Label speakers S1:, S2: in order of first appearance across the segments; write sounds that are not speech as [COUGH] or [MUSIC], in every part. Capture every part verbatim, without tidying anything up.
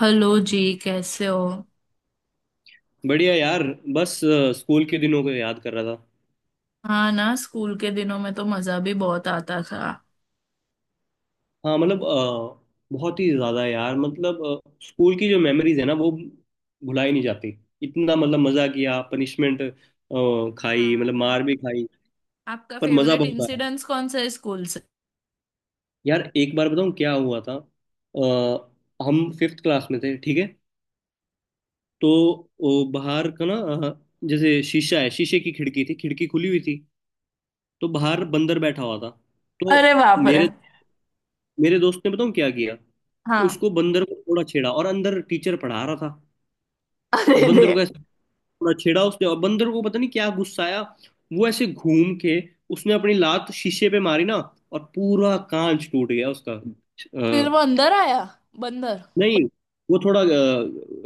S1: Hello ji. कैसे हो।
S2: बढ़िया यार। बस अ, स्कूल के दिनों को याद कर रहा था।
S1: हाँ ना, स्कूल के दिनों में तो मजा भी बहुत आता था।
S2: हाँ, मतलब अ, बहुत ही ज्यादा यार, मतलब अ, स्कूल की जो मेमोरीज है ना वो भुलाई नहीं जाती। इतना मतलब मजा किया, पनिशमेंट खाई,
S1: हाँ
S2: मतलब
S1: ना।
S2: मार भी खाई
S1: आपका
S2: पर मजा
S1: फेवरेट
S2: बहुत आया।
S1: इंसिडेंस कौन सा है स्कूल से?
S2: यार, एक बार बताऊँ क्या हुआ था। अ, हम फिफ्थ क्लास में थे, ठीक है। तो ओ, बाहर का ना, अ, जैसे शीशा है, शीशे की खिड़की थी, खिड़की खुली हुई थी तो बाहर बंदर बैठा हुआ था। तो
S1: अरे बाप रे।
S2: मेरे मेरे दोस्त ने, बताऊँ क्या किया।
S1: हाँ।
S2: उसको बंदर को थोड़ा छेड़ा और अंदर टीचर पढ़ा रहा था।
S1: अरे रे।
S2: बंदर को ऐसे थोड़ा छेड़ा उसने और बंदर को पता नहीं क्या गुस्सा आया, वो ऐसे घूम के उसने अपनी लात शीशे पे मारी ना और पूरा कांच टूट गया उसका
S1: फिर
S2: अ,
S1: वो अंदर आया? बंदर?
S2: नहीं, वो थोड़ा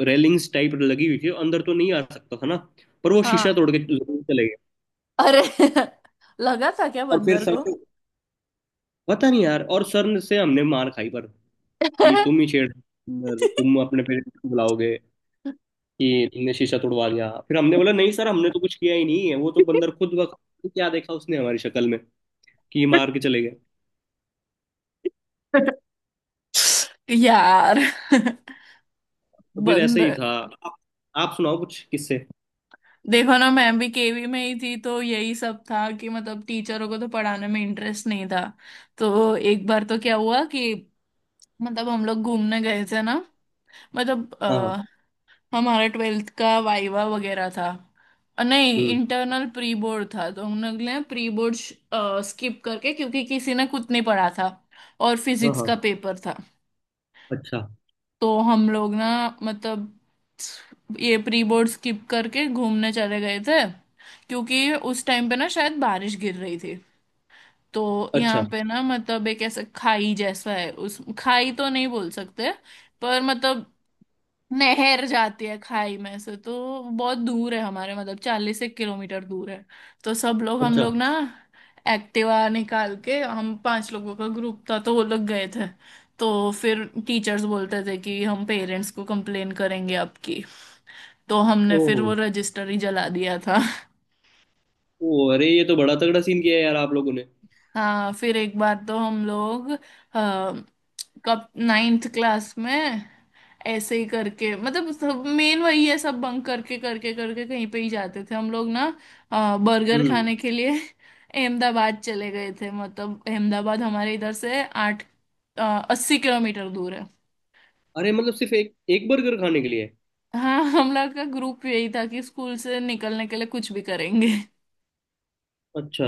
S2: रेलिंग्स टाइप लगी हुई थी अंदर, तो नहीं आ सकता था ना। पर वो शीशा
S1: हाँ।
S2: तोड़ के जरूर चले गए।
S1: अरे [LAUGHS] लगा था क्या
S2: और फिर
S1: बंदर
S2: सर
S1: को?
S2: से, पता नहीं यार, और सर से हमने मार खाई पर, कि तुम ही छेड़, तुम अपने पेरेंट्स को बुलाओगे, कि तुमने शीशा तोड़वा दिया। फिर हमने बोला नहीं सर, हमने तो कुछ किया ही नहीं है, वो तो बंदर खुद बखुद क्या देखा उसने हमारी शक्ल में कि मार के चले गए।
S1: [LAUGHS] यार।
S2: तो
S1: [LAUGHS]
S2: फिर ऐसे ही
S1: बंद।
S2: था। आप, आप सुनाओ कुछ किस्से।
S1: देखो ना, मैं भी के वी में ही थी तो यही सब था कि मतलब टीचरों को तो पढ़ाने में इंटरेस्ट नहीं था। तो एक बार तो क्या हुआ कि मतलब हम लोग घूमने गए थे ना, मतलब
S2: हाँ हाँ।
S1: अ, हमारा ट्वेल्थ का वाइवा वगैरह था। अ, नहीं,
S2: हम्म।
S1: इंटरनल प्री बोर्ड था तो हम लोग ने प्री बोर्ड स्किप करके, क्योंकि किसी ने कुछ नहीं पढ़ा था। और
S2: हाँ
S1: फिजिक्स
S2: हाँ।
S1: का पेपर था।
S2: अच्छा।
S1: तो हम लोग ना, मतलब ये प्री बोर्ड स्किप करके घूमने चले गए थे, क्योंकि उस टाइम पे ना शायद बारिश गिर रही थी। तो यहाँ
S2: अच्छा।
S1: पे ना, मतलब एक ऐसा खाई जैसा है, उस खाई तो नहीं बोल सकते, पर मतलब नहर जाती है खाई में से, तो बहुत दूर है हमारे, मतलब चालीस एक किलोमीटर दूर है। तो सब लोग, हम
S2: अच्छा।
S1: लोग ना एक्टिवा निकाल के, हम पांच लोगों का ग्रुप था तो वो लोग गए थे। तो फिर टीचर्स बोलते थे कि हम पेरेंट्स को कंप्लेन करेंगे आपकी, तो हमने
S2: ओहो।
S1: फिर वो रजिस्टर ही जला दिया था।
S2: ओ, अरे ये तो बड़ा तगड़ा सीन किया है यार आप लोगों ने।
S1: हाँ, फिर एक बार तो हम लोग आ, कब नाइन्थ क्लास में ऐसे ही करके, मतलब सब मेन वही है, सब बंक करके करके करके कहीं पे ही जाते थे हम लोग ना, अ, बर्गर
S2: हम्म।
S1: खाने के लिए [LAUGHS] अहमदाबाद चले गए थे, मतलब अहमदाबाद हमारे इधर से आठ अस्सी किलोमीटर दूर है।
S2: अरे मतलब सिर्फ एक एक बर्गर खाने के लिए।
S1: हाँ, हम लोग का ग्रुप यही था कि स्कूल से निकलने के लिए कुछ भी करेंगे।
S2: अच्छा।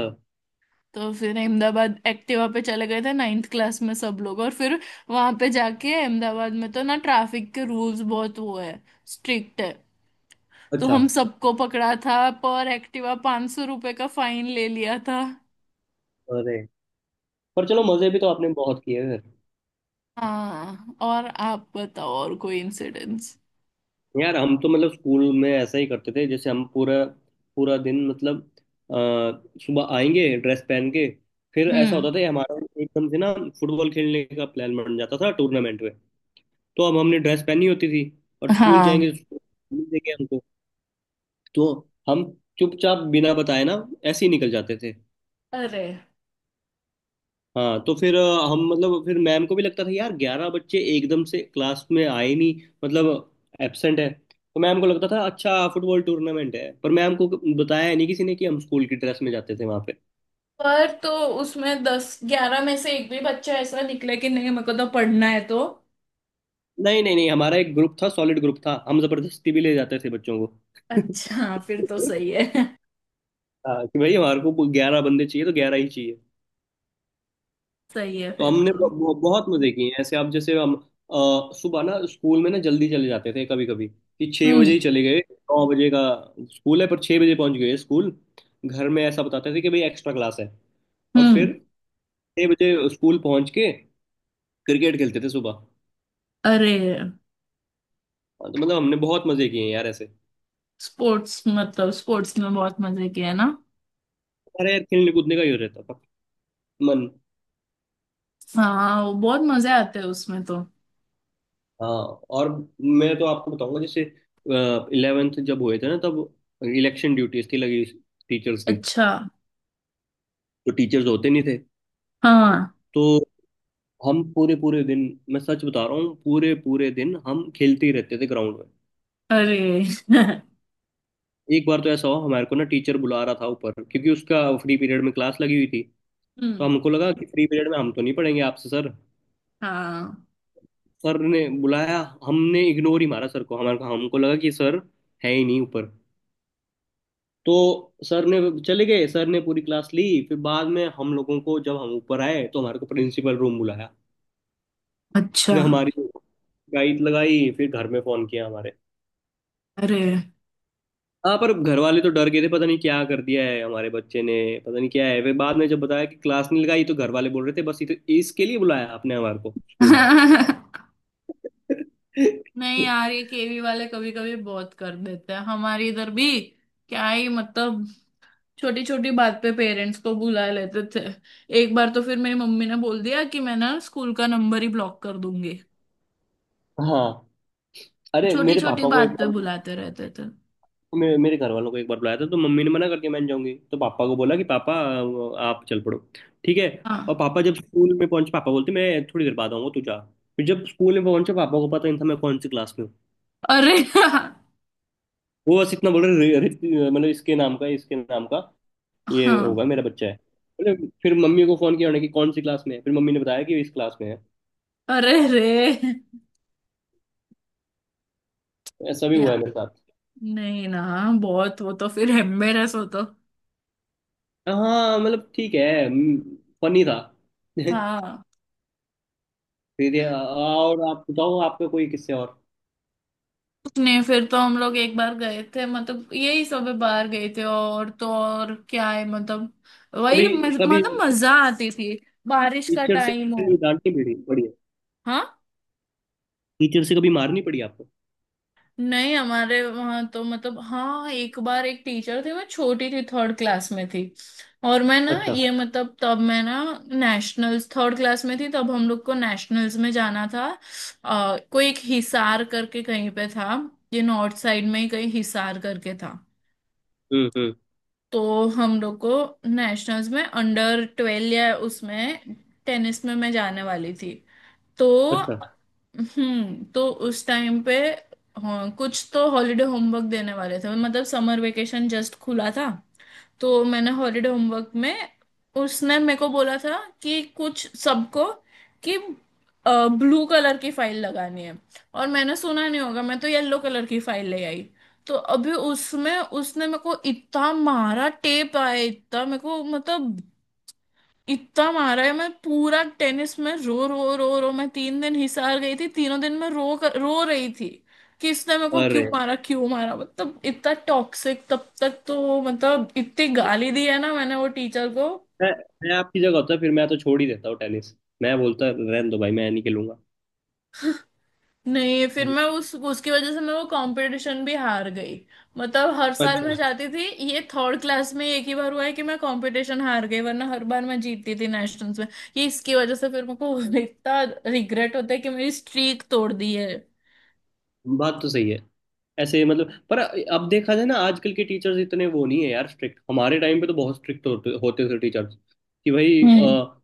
S1: तो फिर अहमदाबाद एक्टिवा पे चले गए थे नाइन्थ क्लास में सब लोग। और फिर वहां पे जाके अहमदाबाद में तो ना ट्रैफिक के रूल्स बहुत वो है, स्ट्रिक्ट है। तो
S2: अच्छा।
S1: हम सबको पकड़ा था, पर एक्टिवा पांच सौ रुपए का फाइन ले लिया था।
S2: अरे। पर चलो, मजे भी तो आपने बहुत किए फिर।
S1: हाँ, और आप बताओ और कोई इंसिडेंट्स?
S2: यार हम तो मतलब स्कूल में ऐसा ही करते थे, जैसे हम पूरा पूरा दिन मतलब अ, सुबह आएंगे ड्रेस पहन के, फिर ऐसा
S1: हम्म।
S2: होता था ये हमारा एकदम से ना, फुटबॉल खेलने का प्लान बन जाता था टूर्नामेंट में। तो अब हमने ड्रेस पहनी होती थी और स्कूल जाएंगे
S1: हाँ।
S2: तो स्कूल मिल देंगे हमको। तो हम चुपचाप बिना बताए ना ऐसे ही निकल जाते थे।
S1: अरे।
S2: हाँ, तो फिर अ, हम मतलब, फिर मैम को भी लगता था यार, ग्यारह बच्चे एकदम से क्लास में आए नहीं, मतलब एब्सेंट है, तो मैम को लगता था अच्छा फुटबॉल टूर्नामेंट है। पर मैम को बताया नहीं किसी ने कि हम स्कूल की ड्रेस में जाते थे वहां पे।
S1: पर तो उसमें दस ग्यारह में से एक भी बच्चा ऐसा निकले कि नहीं, मेरे को तो पढ़ना है, तो।
S2: नहीं नहीं नहीं, हमारा एक ग्रुप था, सॉलिड ग्रुप था, हम जबरदस्ती भी ले जाते थे बच्चों को।
S1: अच्छा, फिर तो
S2: [LAUGHS]
S1: सही है। [LAUGHS]
S2: हाँ, कि भाई हमारे को ग्यारह बंदे चाहिए तो ग्यारह ही चाहिए।
S1: सही है
S2: तो
S1: फिर
S2: हमने
S1: तो।
S2: ब- ब- बहुत मजे किए हैं ऐसे आप जैसे, हम अ, सुबह ना स्कूल में ना जल्दी चले जाते थे कभी कभी, कि छः बजे
S1: हम्म।
S2: ही चले गए। नौ बजे का स्कूल है पर छः बजे पहुंच गए स्कूल। घर में ऐसा बताते थे कि भाई एक्स्ट्रा क्लास है। और
S1: हम्म।
S2: फिर छः बजे स्कूल पहुंच के क्रिकेट खेलते थे सुबह।
S1: अरे।
S2: हाँ, तो मतलब हमने बहुत मजे किए हैं यार ऐसे।
S1: स्पोर्ट्स, मतलब स्पोर्ट्स में बहुत मजे किए हैं ना?
S2: अरे यार खेलने कूदने का ही हो रहता था मन।
S1: हाँ, वो बहुत मजे आते हैं उसमें तो।
S2: हाँ। और मैं तो आपको बताऊंगा, जैसे इलेवेंथ जब हुए थे ना तब इलेक्शन ड्यूटीज थी लगी टीचर्स की।
S1: अच्छा।
S2: तो टीचर्स होते नहीं थे।
S1: हाँ।
S2: तो हम पूरे पूरे दिन, मैं सच बता रहा हूँ, पूरे पूरे दिन हम खेलते ही रहते थे ग्राउंड में।
S1: अरे। [LAUGHS]
S2: एक बार तो ऐसा हुआ हमारे को ना, टीचर बुला रहा था ऊपर क्योंकि उसका फ्री पीरियड में क्लास लगी हुई थी। तो
S1: हम्म।
S2: हमको लगा कि फ्री पीरियड में हम तो नहीं पढ़ेंगे आपसे सर।
S1: हाँ।
S2: सर ने बुलाया, हमने इग्नोर ही मारा सर को, हमारे हमको लगा कि सर है ही नहीं ऊपर। तो सर ने, चले गए, सर ने पूरी क्लास ली। फिर बाद में हम लोगों को, जब हम ऊपर आए तो हमारे को प्रिंसिपल रूम बुलाया।
S1: अच्छा।
S2: फिर हमारी गाइड लगाई, फिर घर में फोन किया हमारे।
S1: अरे।
S2: हाँ पर घर वाले तो डर गए थे, पता नहीं क्या कर दिया है हमारे बच्चे ने, पता नहीं क्या है। वे बाद में जब बताया कि क्लास नहीं लगाई तो घर वाले बोल रहे थे बस ये तो, इसके लिए बुलाया आपने हमारे को स्कूल।
S1: [LAUGHS] नहीं
S2: [LAUGHS]
S1: यार, ये के वी वाले कभी कभी बहुत कर देते हैं हमारे इधर भी। क्या ही मतलब। छोटी छोटी बात पे पेरेंट्स को बुला लेते थे। एक बार तो फिर मेरी मम्मी ने बोल दिया कि मैं ना स्कूल का नंबर ही ब्लॉक कर दूंगी।
S2: हाँ। अरे
S1: छोटी
S2: मेरे
S1: छोटी
S2: पापा को एक
S1: बात पे
S2: बार,
S1: बुलाते रहते थे।
S2: मे, मेरे घर वालों को एक बार बुलाया था तो मम्मी ने मना कर दिया मैं नहीं जाऊंगी, तो पापा को बोला कि पापा आप चल पड़ो, ठीक है।
S1: हाँ।
S2: और पापा जब स्कूल में पहुंचे, पापा बोलते मैं थोड़ी देर बाद आऊंगा तू जा। फिर जब स्कूल में पहुंचे, पापा को पता नहीं था मैं कौन सी क्लास में हूँ।
S1: अरे। [LAUGHS]
S2: वो बस इतना बोल रहे रे- रे- मतलब इसके नाम का, इसके नाम का ये होगा,
S1: हाँ।
S2: मेरा बच्चा है, बोले। फिर मम्मी को फोन किया उन्होंने कि कौन सी क्लास में है, फिर मम्मी ने बताया कि इस क्लास में है।
S1: अरे रे।
S2: तो ऐसा भी हुआ
S1: या
S2: है मेरे साथ।
S1: नहीं ना, बहुत वो तो फिर एम्बेरस हो तो।
S2: हाँ मतलब ठीक है, फनी था। [LAUGHS] फिर
S1: हाँ।
S2: ये, आ- और आप बताओ आपका कोई किस्से और।
S1: नहीं, फिर तो हम लोग एक बार गए थे, मतलब यही सब बाहर गए थे और तो और क्या है, मतलब वही
S2: कभी
S1: मज-
S2: कभी
S1: मतलब मजा आती थी। बारिश का
S2: टीचर से
S1: टाइम हो।
S2: कभी डांटनी पड़ी पड़ी है।
S1: हाँ?
S2: टीचर से कभी मारनी पड़ी आपको।
S1: नहीं, हमारे वहाँ तो मतलब, हाँ एक बार एक टीचर थे। मैं छोटी थी, थर्ड क्लास में थी। और मैं ना
S2: अच्छा।
S1: ये मतलब तब मैं ना नेशनल्स, थर्ड क्लास में थी तब हम लोग को नेशनल्स में जाना था। अ, कोई एक हिसार करके कहीं पे था। ये नॉर्थ साइड में ही कहीं हिसार करके था।
S2: हम्म। हम्म।
S1: तो हम लोग को नेशनल्स में अंडर ट्वेल्व या उसमें टेनिस में मैं जाने वाली थी। तो,
S2: अच्छा।
S1: हम्म, तो उस टाइम पे, हाँ, कुछ तो हॉलीडे होमवर्क देने वाले थे, मतलब समर वेकेशन जस्ट खुला था। तो मैंने हॉलीडे होमवर्क में, उसने मेरे को बोला था कि कुछ सबको, कि ब्लू कलर की फाइल लगानी है, और मैंने सुना नहीं होगा, मैं तो येलो कलर की फाइल ले आई। तो अभी उसमें उसने मेरे को इतना मारा, टेप आया इतना मेरे को, मतलब इतना मारा है, मैं पूरा टेनिस में रो रो रो रो। मैं तीन दिन हिसार गई थी, तीनों दिन मैं रो कर, रो रही थी। कि इसने मेरे को क्यों
S2: अरे।
S1: मारा, क्यों मारा, मतलब इतना टॉक्सिक तब तक तो, मतलब इतनी गाली दी है ना मैंने वो टीचर को।
S2: मैं मैं आपकी जगह होता फिर मैं तो छोड़ ही देता हूँ टेनिस। मैं बोलता रहने दो भाई मैं नहीं खेलूंगा।
S1: नहीं, फिर मैं उस उसकी वजह से मैं वो कंपटीशन भी हार गई, मतलब हर साल
S2: अच्छा।
S1: मैं जाती थी। ये थर्ड क्लास में एक ही बार हुआ है कि मैं कंपटीशन हार गई, वरना हर बार मैं जीतती थी नेशनल्स में। ये इसकी वजह से फिर मेरे को [LAUGHS] इतना रिग्रेट होता है कि मेरी स्ट्रीक तोड़ दी है।
S2: बात तो सही है। ऐसे मतलब, पर अब देखा जाए ना आजकल के टीचर्स इतने वो नहीं है यार स्ट्रिक्ट। हमारे टाइम पे तो बहुत स्ट्रिक्ट होते होते थे टीचर्स, कि भाई
S1: हम्म।
S2: अ,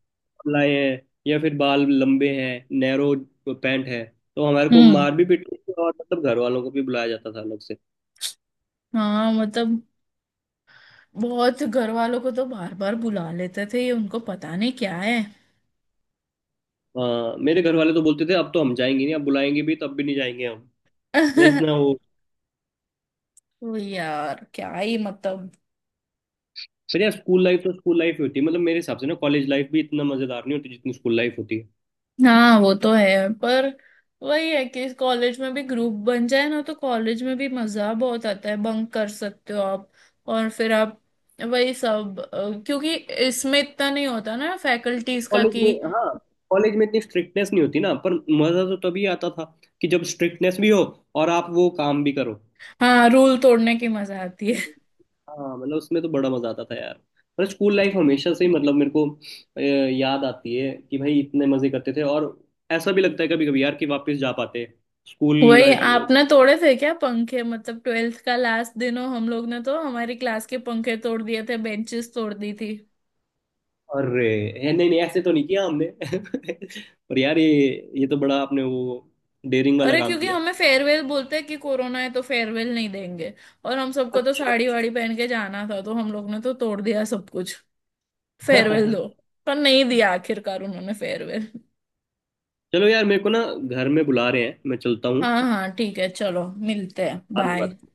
S2: लाए हैं या फिर बाल लंबे हैं, नैरो पैंट है, तो हमारे को
S1: हम्म।
S2: मार भी पीटती थी और मतलब घर वालों को भी बुलाया जाता था अलग से।
S1: हाँ मतलब, बहुत घर वालों को तो बार बार बुला लेते थे, ये उनको पता नहीं क्या है।
S2: हाँ मेरे घर वाले तो बोलते थे अब तो हम जाएंगे नहीं, अब बुलाएंगे भी तब भी नहीं जाएंगे हम, मतलब इतना
S1: [LAUGHS]
S2: वो।
S1: वो यार क्या ही मतलब।
S2: फिर यार स्कूल लाइफ तो स्कूल लाइफ ही होती है, मतलब मेरे हिसाब से ना कॉलेज लाइफ भी इतना मजेदार नहीं होती जितनी स्कूल लाइफ होती है।
S1: हाँ, वो तो है। पर वही है कि कॉलेज में भी ग्रुप बन जाए ना तो कॉलेज में भी मजा बहुत आता है, बंक कर सकते हो आप। और फिर आप वही सब, अ, क्योंकि इसमें इतना नहीं होता ना फैकल्टीज का,
S2: कॉलेज
S1: कि।
S2: में हाँ, कॉलेज में इतनी स्ट्रिक्टनेस नहीं होती ना, पर मजा तो तभी आता था कि जब स्ट्रिक्टनेस भी हो और आप वो काम भी करो।
S1: हाँ, रूल तोड़ने की मजा आती
S2: हाँ मतलब उसमें तो बड़ा मजा आता था यार। पर स्कूल लाइफ
S1: है।
S2: हमेशा से ही मतलब मेरे को अ, याद आती है कि भाई इतने मजे करते थे। और ऐसा भी लगता है कभी कभी यार कि वापस जा पाते स्कूल
S1: वही
S2: लाइफ।
S1: आपने तोड़े थे क्या पंखे? मतलब ट्वेल्थ का लास्ट दिन हो, हम लोग ने तो हमारी क्लास के पंखे तोड़ दिए थे, बेंचेस तोड़ दी थी।
S2: अरे। है, नहीं नहीं ऐसे तो नहीं किया हमने। [LAUGHS] पर यार, ये ये तो बड़ा आपने वो डेयरिंग वाला
S1: अरे,
S2: काम
S1: क्योंकि
S2: किया।
S1: हमें फेयरवेल बोलते हैं कि कोरोना है तो फेयरवेल नहीं देंगे, और हम सबको तो
S2: अच्छा।
S1: साड़ी वाड़ी पहन के जाना था, तो हम लोग ने तो तोड़ दिया सब कुछ। फेयरवेल दो।
S2: [LAUGHS]
S1: पर नहीं दिया आखिरकार उन्होंने फेयरवेल।
S2: चलो यार, मेरे को ना घर में बुला रहे हैं, मैं चलता हूँ।
S1: हाँ हाँ ठीक है, चलो मिलते हैं,
S2: अवरे लय
S1: बाय।
S2: filtrate।